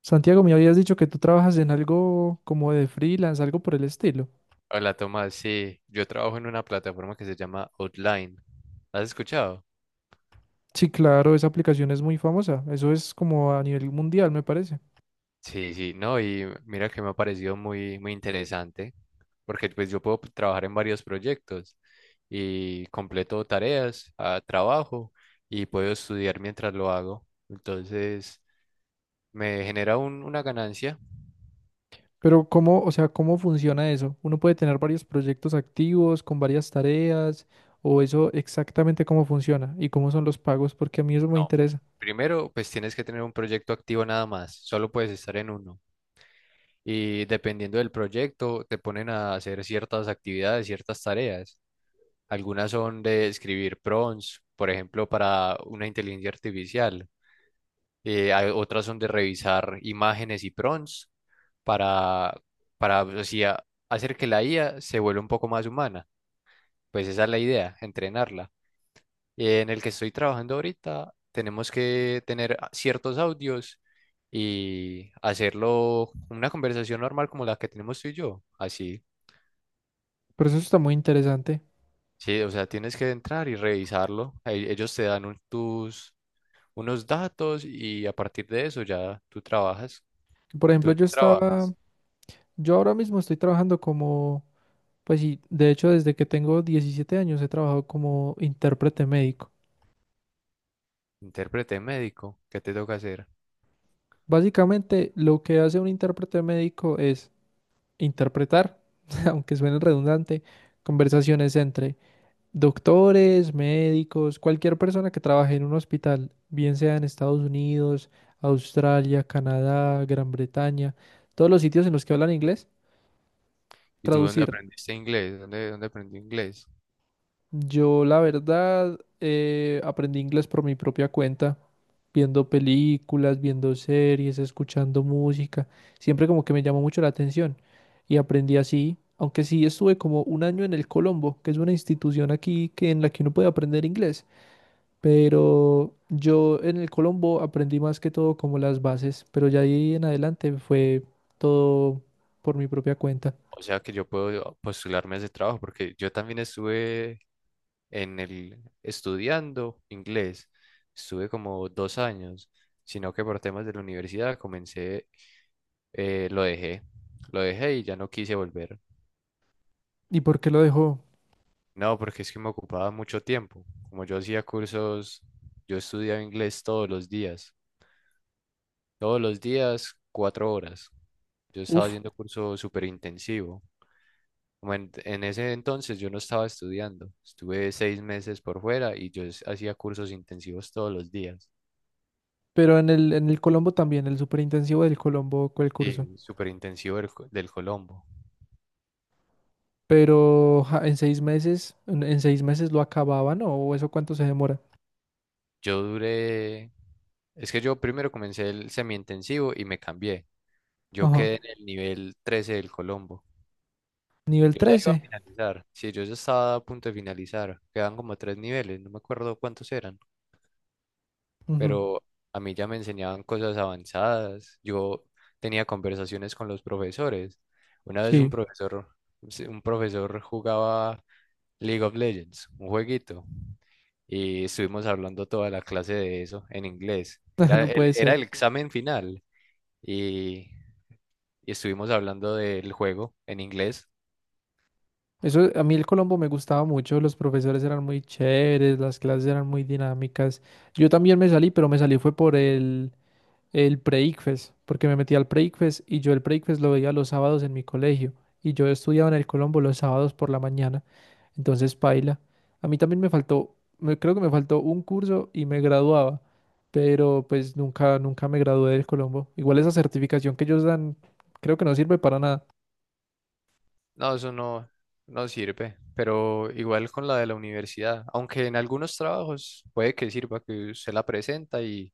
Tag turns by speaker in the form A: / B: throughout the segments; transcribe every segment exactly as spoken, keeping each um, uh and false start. A: Santiago, me habías dicho que tú trabajas en algo como de freelance, algo por el estilo.
B: Hola Tomás, sí, yo trabajo en una plataforma que se llama Outline. ¿Has escuchado?
A: Sí, claro, esa aplicación es muy famosa. Eso es como a nivel mundial, me parece.
B: Sí, sí, no, y mira que me ha parecido muy, muy interesante, porque pues yo puedo trabajar en varios proyectos y completo tareas, ah, trabajo y puedo estudiar mientras lo hago. Entonces, me genera un- una ganancia.
A: Pero ¿cómo, o sea, cómo funciona eso? ¿Uno puede tener varios proyectos activos con varias tareas? ¿O eso exactamente cómo funciona? ¿Y cómo son los pagos? Porque a mí eso me
B: No,
A: interesa.
B: primero pues tienes que tener un proyecto activo nada más, solo puedes estar en uno. Y dependiendo del proyecto, te ponen a hacer ciertas actividades, ciertas tareas. Algunas son de escribir prompts, por ejemplo, para una inteligencia artificial. Eh, hay- otras son de revisar imágenes y prompts para, para o sea, hacer que la IA se vuelva un poco más humana. Pues esa es la idea, entrenarla. Eh, en el que estoy trabajando ahorita, tenemos que tener a- ciertos audios y hacerlo una conversación normal como la que tenemos tú y yo. Así,
A: Pero eso está muy interesante.
B: sí, o sea, tienes que entrar y revisarlo. E- Ellos te dan un- tus unos datos y a partir de eso ya tú trabajas.
A: Por
B: ¿Tú
A: ejemplo,
B: en
A: yo
B: qué
A: estaba,
B: trabajas?
A: yo ahora mismo estoy trabajando como, pues sí, de hecho desde que tengo diecisiete años he trabajado como intérprete médico.
B: Intérprete médico, ¿qué te toca hacer?
A: Básicamente, lo que hace un intérprete médico es interpretar, aunque suene redundante, conversaciones entre doctores, médicos, cualquier persona que trabaje en un hospital, bien sea en Estados Unidos, Australia, Canadá, Gran Bretaña, todos los sitios en los que hablan inglés,
B: ¿Y tú dónde
A: traducir.
B: aprendiste inglés? ¿Dónde, dónde aprendí inglés?
A: Yo, la verdad, eh, aprendí inglés por mi propia cuenta, viendo películas, viendo series, escuchando música. Siempre como que me llamó mucho la atención y aprendí así, aunque sí estuve como un año en el Colombo, que es una institución aquí que en la que uno puede aprender inglés. Pero yo en el Colombo aprendí más que todo como las bases, pero ya ahí en adelante fue todo por mi propia cuenta.
B: O sea que yo puedo postularme a ese trabajo porque yo también estuve en el estudiando inglés. Estuve como dos años, sino que por temas de la universidad comencé, eh, lo dejé, lo dejé y ya no quise volver.
A: ¿Y por qué lo dejó?
B: No, porque es que me ocupaba mucho tiempo. Como yo hacía cursos, yo estudiaba inglés todos los días. Todos los días, cuatro horas. Yo estaba
A: Uf.
B: haciendo curso súper intensivo. Como en, en ese entonces yo no estaba estudiando. Estuve seis meses por fuera y yo es- hacía cursos intensivos todos los días.
A: Pero en el, en el Colombo también, el superintensivo del Colombo fue el
B: Sí.
A: curso.
B: El súper intensivo del, co- del Colombo.
A: Pero ja, en seis meses, en, en seis meses lo acababan, ¿no? ¿O eso cuánto se demora?
B: Yo duré... Es que yo primero comencé el semi-intensivo y me cambié. Yo
A: Ajá.
B: quedé en el nivel trece del Colombo.
A: Nivel
B: Yo ya iba a
A: trece.
B: finalizar. Sí, yo ya estaba a punto de finalizar. Quedan como tres niveles, no me acuerdo cuántos eran,
A: Ujú.
B: pero a mí ya me enseñaban cosas avanzadas. Yo tenía conversaciones con los profesores. Una vez un
A: Sí,
B: profesor, sí, un profesor jugaba League of Legends, un jueguito, y estuvimos hablando toda la clase de eso en inglés. Era
A: no
B: el,
A: puede
B: era
A: ser.
B: el examen final y, y estuvimos hablando del juego en inglés.
A: Eso, a mí el Colombo me gustaba mucho, los profesores eran muy chéveres, las clases eran muy dinámicas. Yo también me salí, pero me salí fue por el, el pre, porque me metí al pre y yo el pre lo veía los sábados en mi colegio. Y yo estudiaba en el Colombo los sábados por la mañana. Entonces, paila. A mí también me faltó, me, creo que me faltó un curso y me graduaba, pero pues nunca, nunca me gradué del Colombo. Igual esa certificación que ellos dan, creo que no sirve para nada.
B: No, eso no, No sirve, pero igual con la de la universidad, aunque en algunos trabajos puede que sirva que usted la presenta y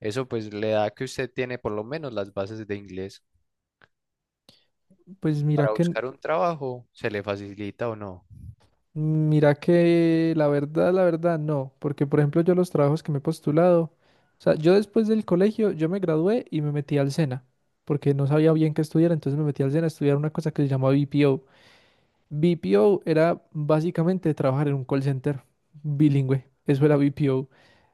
B: eso pues le da que usted tiene por lo menos las bases de inglés.
A: Pues mira
B: Para
A: que,
B: buscar un trabajo, ¿se le facilita o no?
A: mira que la verdad, la verdad, no, porque por ejemplo yo los trabajos que me he postulado, o sea, yo después del colegio, yo me gradué y me metí al SENA, porque no sabía bien qué estudiar, entonces me metí al SENA a estudiar una cosa que se llama B P O. B P O era básicamente trabajar en un call center bilingüe. Eso era B P O.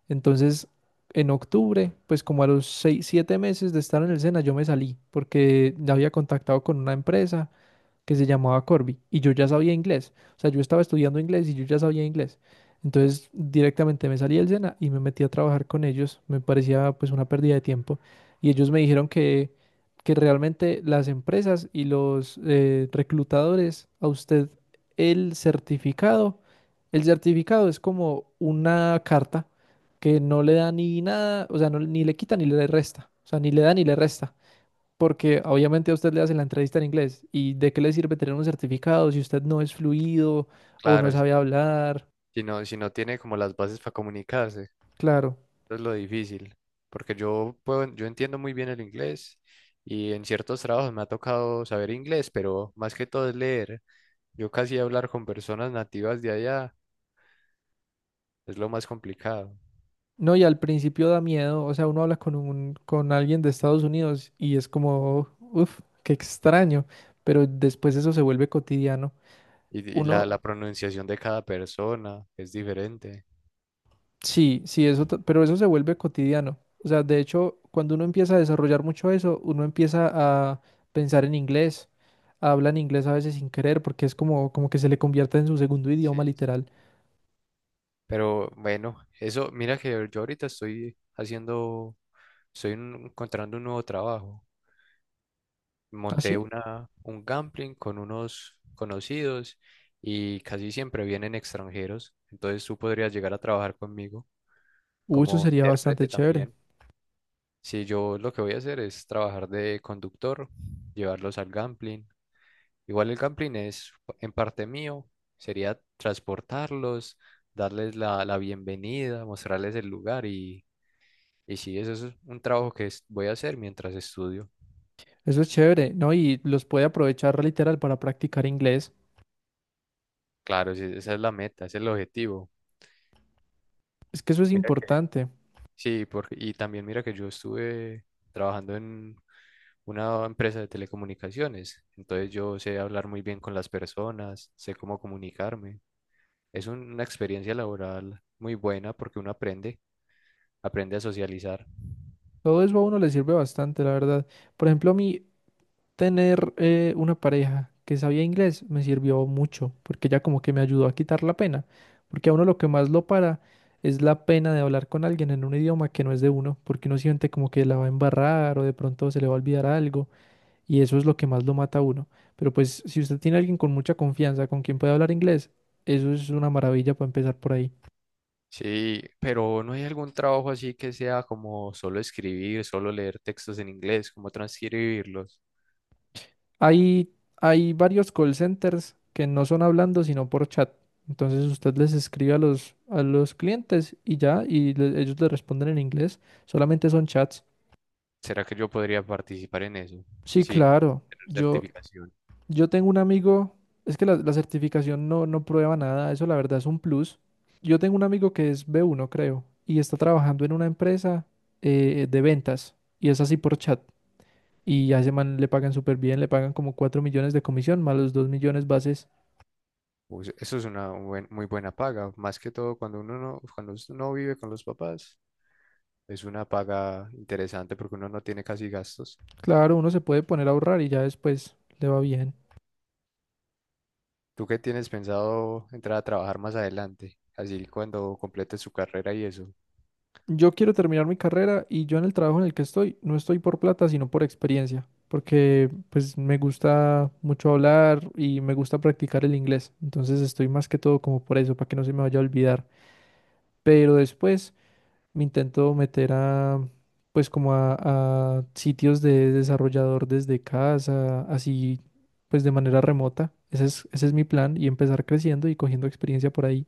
A: Entonces, en octubre, pues como a los seis, siete meses de estar en el SENA, yo me salí porque ya había contactado con una empresa que se llamaba Corby y yo ya sabía inglés. O sea, yo estaba estudiando inglés y yo ya sabía inglés. Entonces directamente me salí del SENA y me metí a trabajar con ellos. Me parecía pues una pérdida de tiempo. Y ellos me dijeron que, que realmente las empresas y los eh, reclutadores, a usted el certificado, el certificado es como una carta que no le da ni nada, o sea, no- ni le quita ni le resta. O sea, ni le da ni le resta. Porque obviamente a usted le hacen la entrevista en inglés. ¿Y de qué le sirve tener un certificado si usted no es fluido o no
B: Claro, si
A: sabe hablar?
B: si no, si no tiene como las bases para comunicarse,
A: Claro.
B: eso es lo difícil, porque yo puedo, yo entiendo muy bien el inglés y en ciertos trabajos me ha tocado saber inglés, pero más que todo es leer. Yo casi hablar con personas nativas de allá es lo más complicado.
A: No, y al principio da miedo. O sea, uno habla con un, con alguien de Estados Unidos y es como, uff, qué extraño. Pero después eso se vuelve cotidiano.
B: Y, y la,
A: Uno,
B: la pronunciación de cada persona es diferente.
A: sí, sí, eso, t- pero eso se vuelve cotidiano. O sea, de hecho, cuando uno empieza a desarrollar mucho eso, uno empieza a pensar en inglés, habla en inglés a veces sin querer, porque es como, como que se le convierte en su segundo idioma
B: Sí, sí.
A: literal.
B: Pero bueno, eso, mira que yo ahorita estoy haciendo, estoy en- encontrando un nuevo trabajo.
A: ¿Ah,
B: Monté
A: sí?
B: una, un gambling con unos conocidos y casi siempre vienen extranjeros. Entonces tú podrías llegar a trabajar conmigo
A: Uh, eso
B: como
A: sería bastante
B: intérprete
A: chévere.
B: también. Si yo lo que voy a hacer es trabajar de conductor, llevarlos al gambling. Igual el camping es en parte mío, sería transportarlos, darles la, la bienvenida, mostrarles el lugar y, y sí, eso es un trabajo que es- voy a hacer mientras estudio.
A: Eso es chévere, ¿no? Y los puede aprovechar literal para practicar inglés.
B: Claro, sí, esa es la meta, ese es el objetivo.
A: Es que eso es
B: Mira que...
A: importante.
B: Sí, porque, y también mira que yo estuve trabajando en una empresa de telecomunicaciones, entonces yo sé hablar muy bien con las personas, sé cómo comunicarme. Es un- una experiencia laboral muy buena porque uno aprende, aprende a socializar.
A: Todo eso a uno le sirve bastante, la verdad. Por ejemplo, a mí, tener eh, una pareja que sabía inglés me sirvió mucho, porque ya como que me ayudó a quitar la pena, porque a uno lo que más lo para es la pena de hablar con alguien en un idioma que no es de uno, porque uno siente como que la va a embarrar o de pronto se le va a olvidar algo, y eso es lo que más lo mata a uno. Pero pues si usted tiene a alguien con mucha confianza, con quien puede hablar inglés, eso es una maravilla para empezar por ahí.
B: Sí, pero ¿no hay algún trabajo así que sea como solo escribir, solo leer textos en inglés, como transcribirlos?
A: Hay, hay varios call centers que no son hablando, sino por chat. Entonces usted les escribe a los, a los clientes y ya, y le- ellos le responden en inglés. Solamente son chats.
B: ¿Será que yo podría participar en eso
A: Sí,
B: sin
A: claro.
B: tener
A: Yo,
B: certificación?
A: yo tengo un amigo, es que la, la certificación no, no prueba nada, eso la verdad es un plus. Yo tengo un amigo que es B uno, creo, y está trabajando en una empresa eh, de ventas, y es así por chat. Y a ese man le pagan súper bien, le pagan como cuatro millones de comisión, más los dos millones bases.
B: Pues eso es una buen- muy buena paga, más que todo cuando uno no, cuando uno no vive con los papás, es una paga interesante porque uno no tiene casi gastos.
A: Claro, uno se puede poner a ahorrar y ya después le va bien.
B: ¿Tú qué tienes pensado entrar a trabajar más adelante? Así cuando completes su carrera y eso.
A: Yo quiero terminar mi carrera y yo en el trabajo en el que estoy no estoy por plata, sino por experiencia, porque pues me gusta mucho hablar y me gusta practicar el inglés. Entonces estoy más que todo como por eso, para que no se me vaya a olvidar. Pero después me intento meter a, pues como a, a sitios de desarrollador desde casa, así pues de manera remota. Ese es, ese es mi plan y empezar creciendo y cogiendo experiencia por ahí.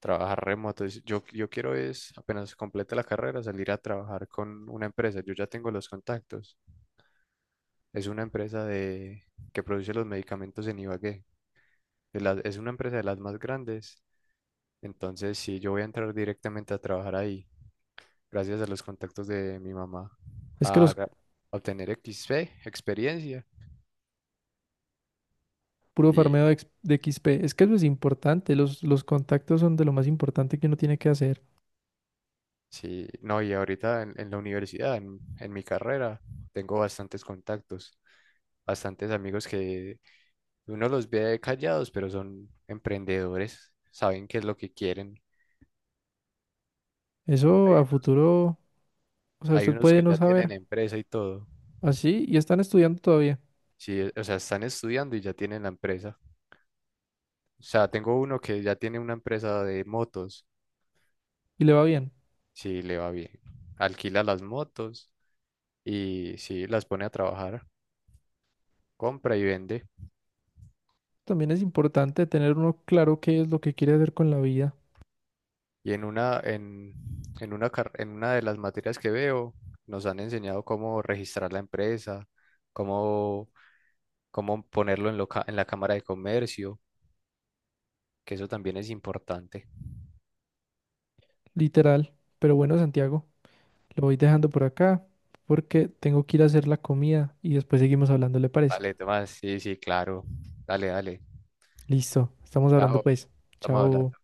B: Trabajar remoto. es- Yo, yo quiero es, apenas complete la carrera, salir a trabajar con una empresa. Yo ya tengo los contactos. Es una empresa de, que produce los medicamentos en Ibagué. De las- es una empresa de las más grandes. Entonces, si yo voy a entrar directamente a trabajar ahí, gracias a los contactos de mi mamá,
A: Es que
B: a
A: los
B: ga- a obtener equis pe, experiencia.
A: puro
B: Y
A: farmeo de, ex- de X P. Es que eso es importante. Los, los contactos son de lo más importante que uno tiene que hacer.
B: sí, no, y ahorita en, en la universidad, en, en mi carrera, tengo bastantes contactos, bastantes amigos que uno los ve callados, pero son emprendedores, saben qué es lo que quieren.
A: Eso a futuro, o sea,
B: Hay
A: usted
B: unos que
A: puede no
B: ya tienen
A: saber.
B: empresa y todo.
A: Así, y están estudiando todavía.
B: Sí, o sea, están estudiando y ya tienen la empresa. O sea, tengo uno que ya tiene una empresa de motos.
A: Y le va bien.
B: Sí, le va bien. Alquila las motos y sí, las pone a trabajar, compra y vende.
A: También es importante tener uno claro qué es lo que quiere hacer con la vida.
B: Y en una, en, en una, car- en una de las materias que veo, nos han enseñado cómo registrar la empresa, cómo, cómo ponerlo en, lo ca- en la Cámara de Comercio, que eso también es importante.
A: Literal. Pero bueno, Santiago, lo voy dejando por acá porque tengo que ir a hacer la comida y después seguimos hablando, ¿le parece?
B: Vale, Tomás, sí, sí, claro. Dale, dale.
A: Listo. Estamos
B: Chao,
A: hablando pues.
B: estamos
A: Chao.
B: hablando.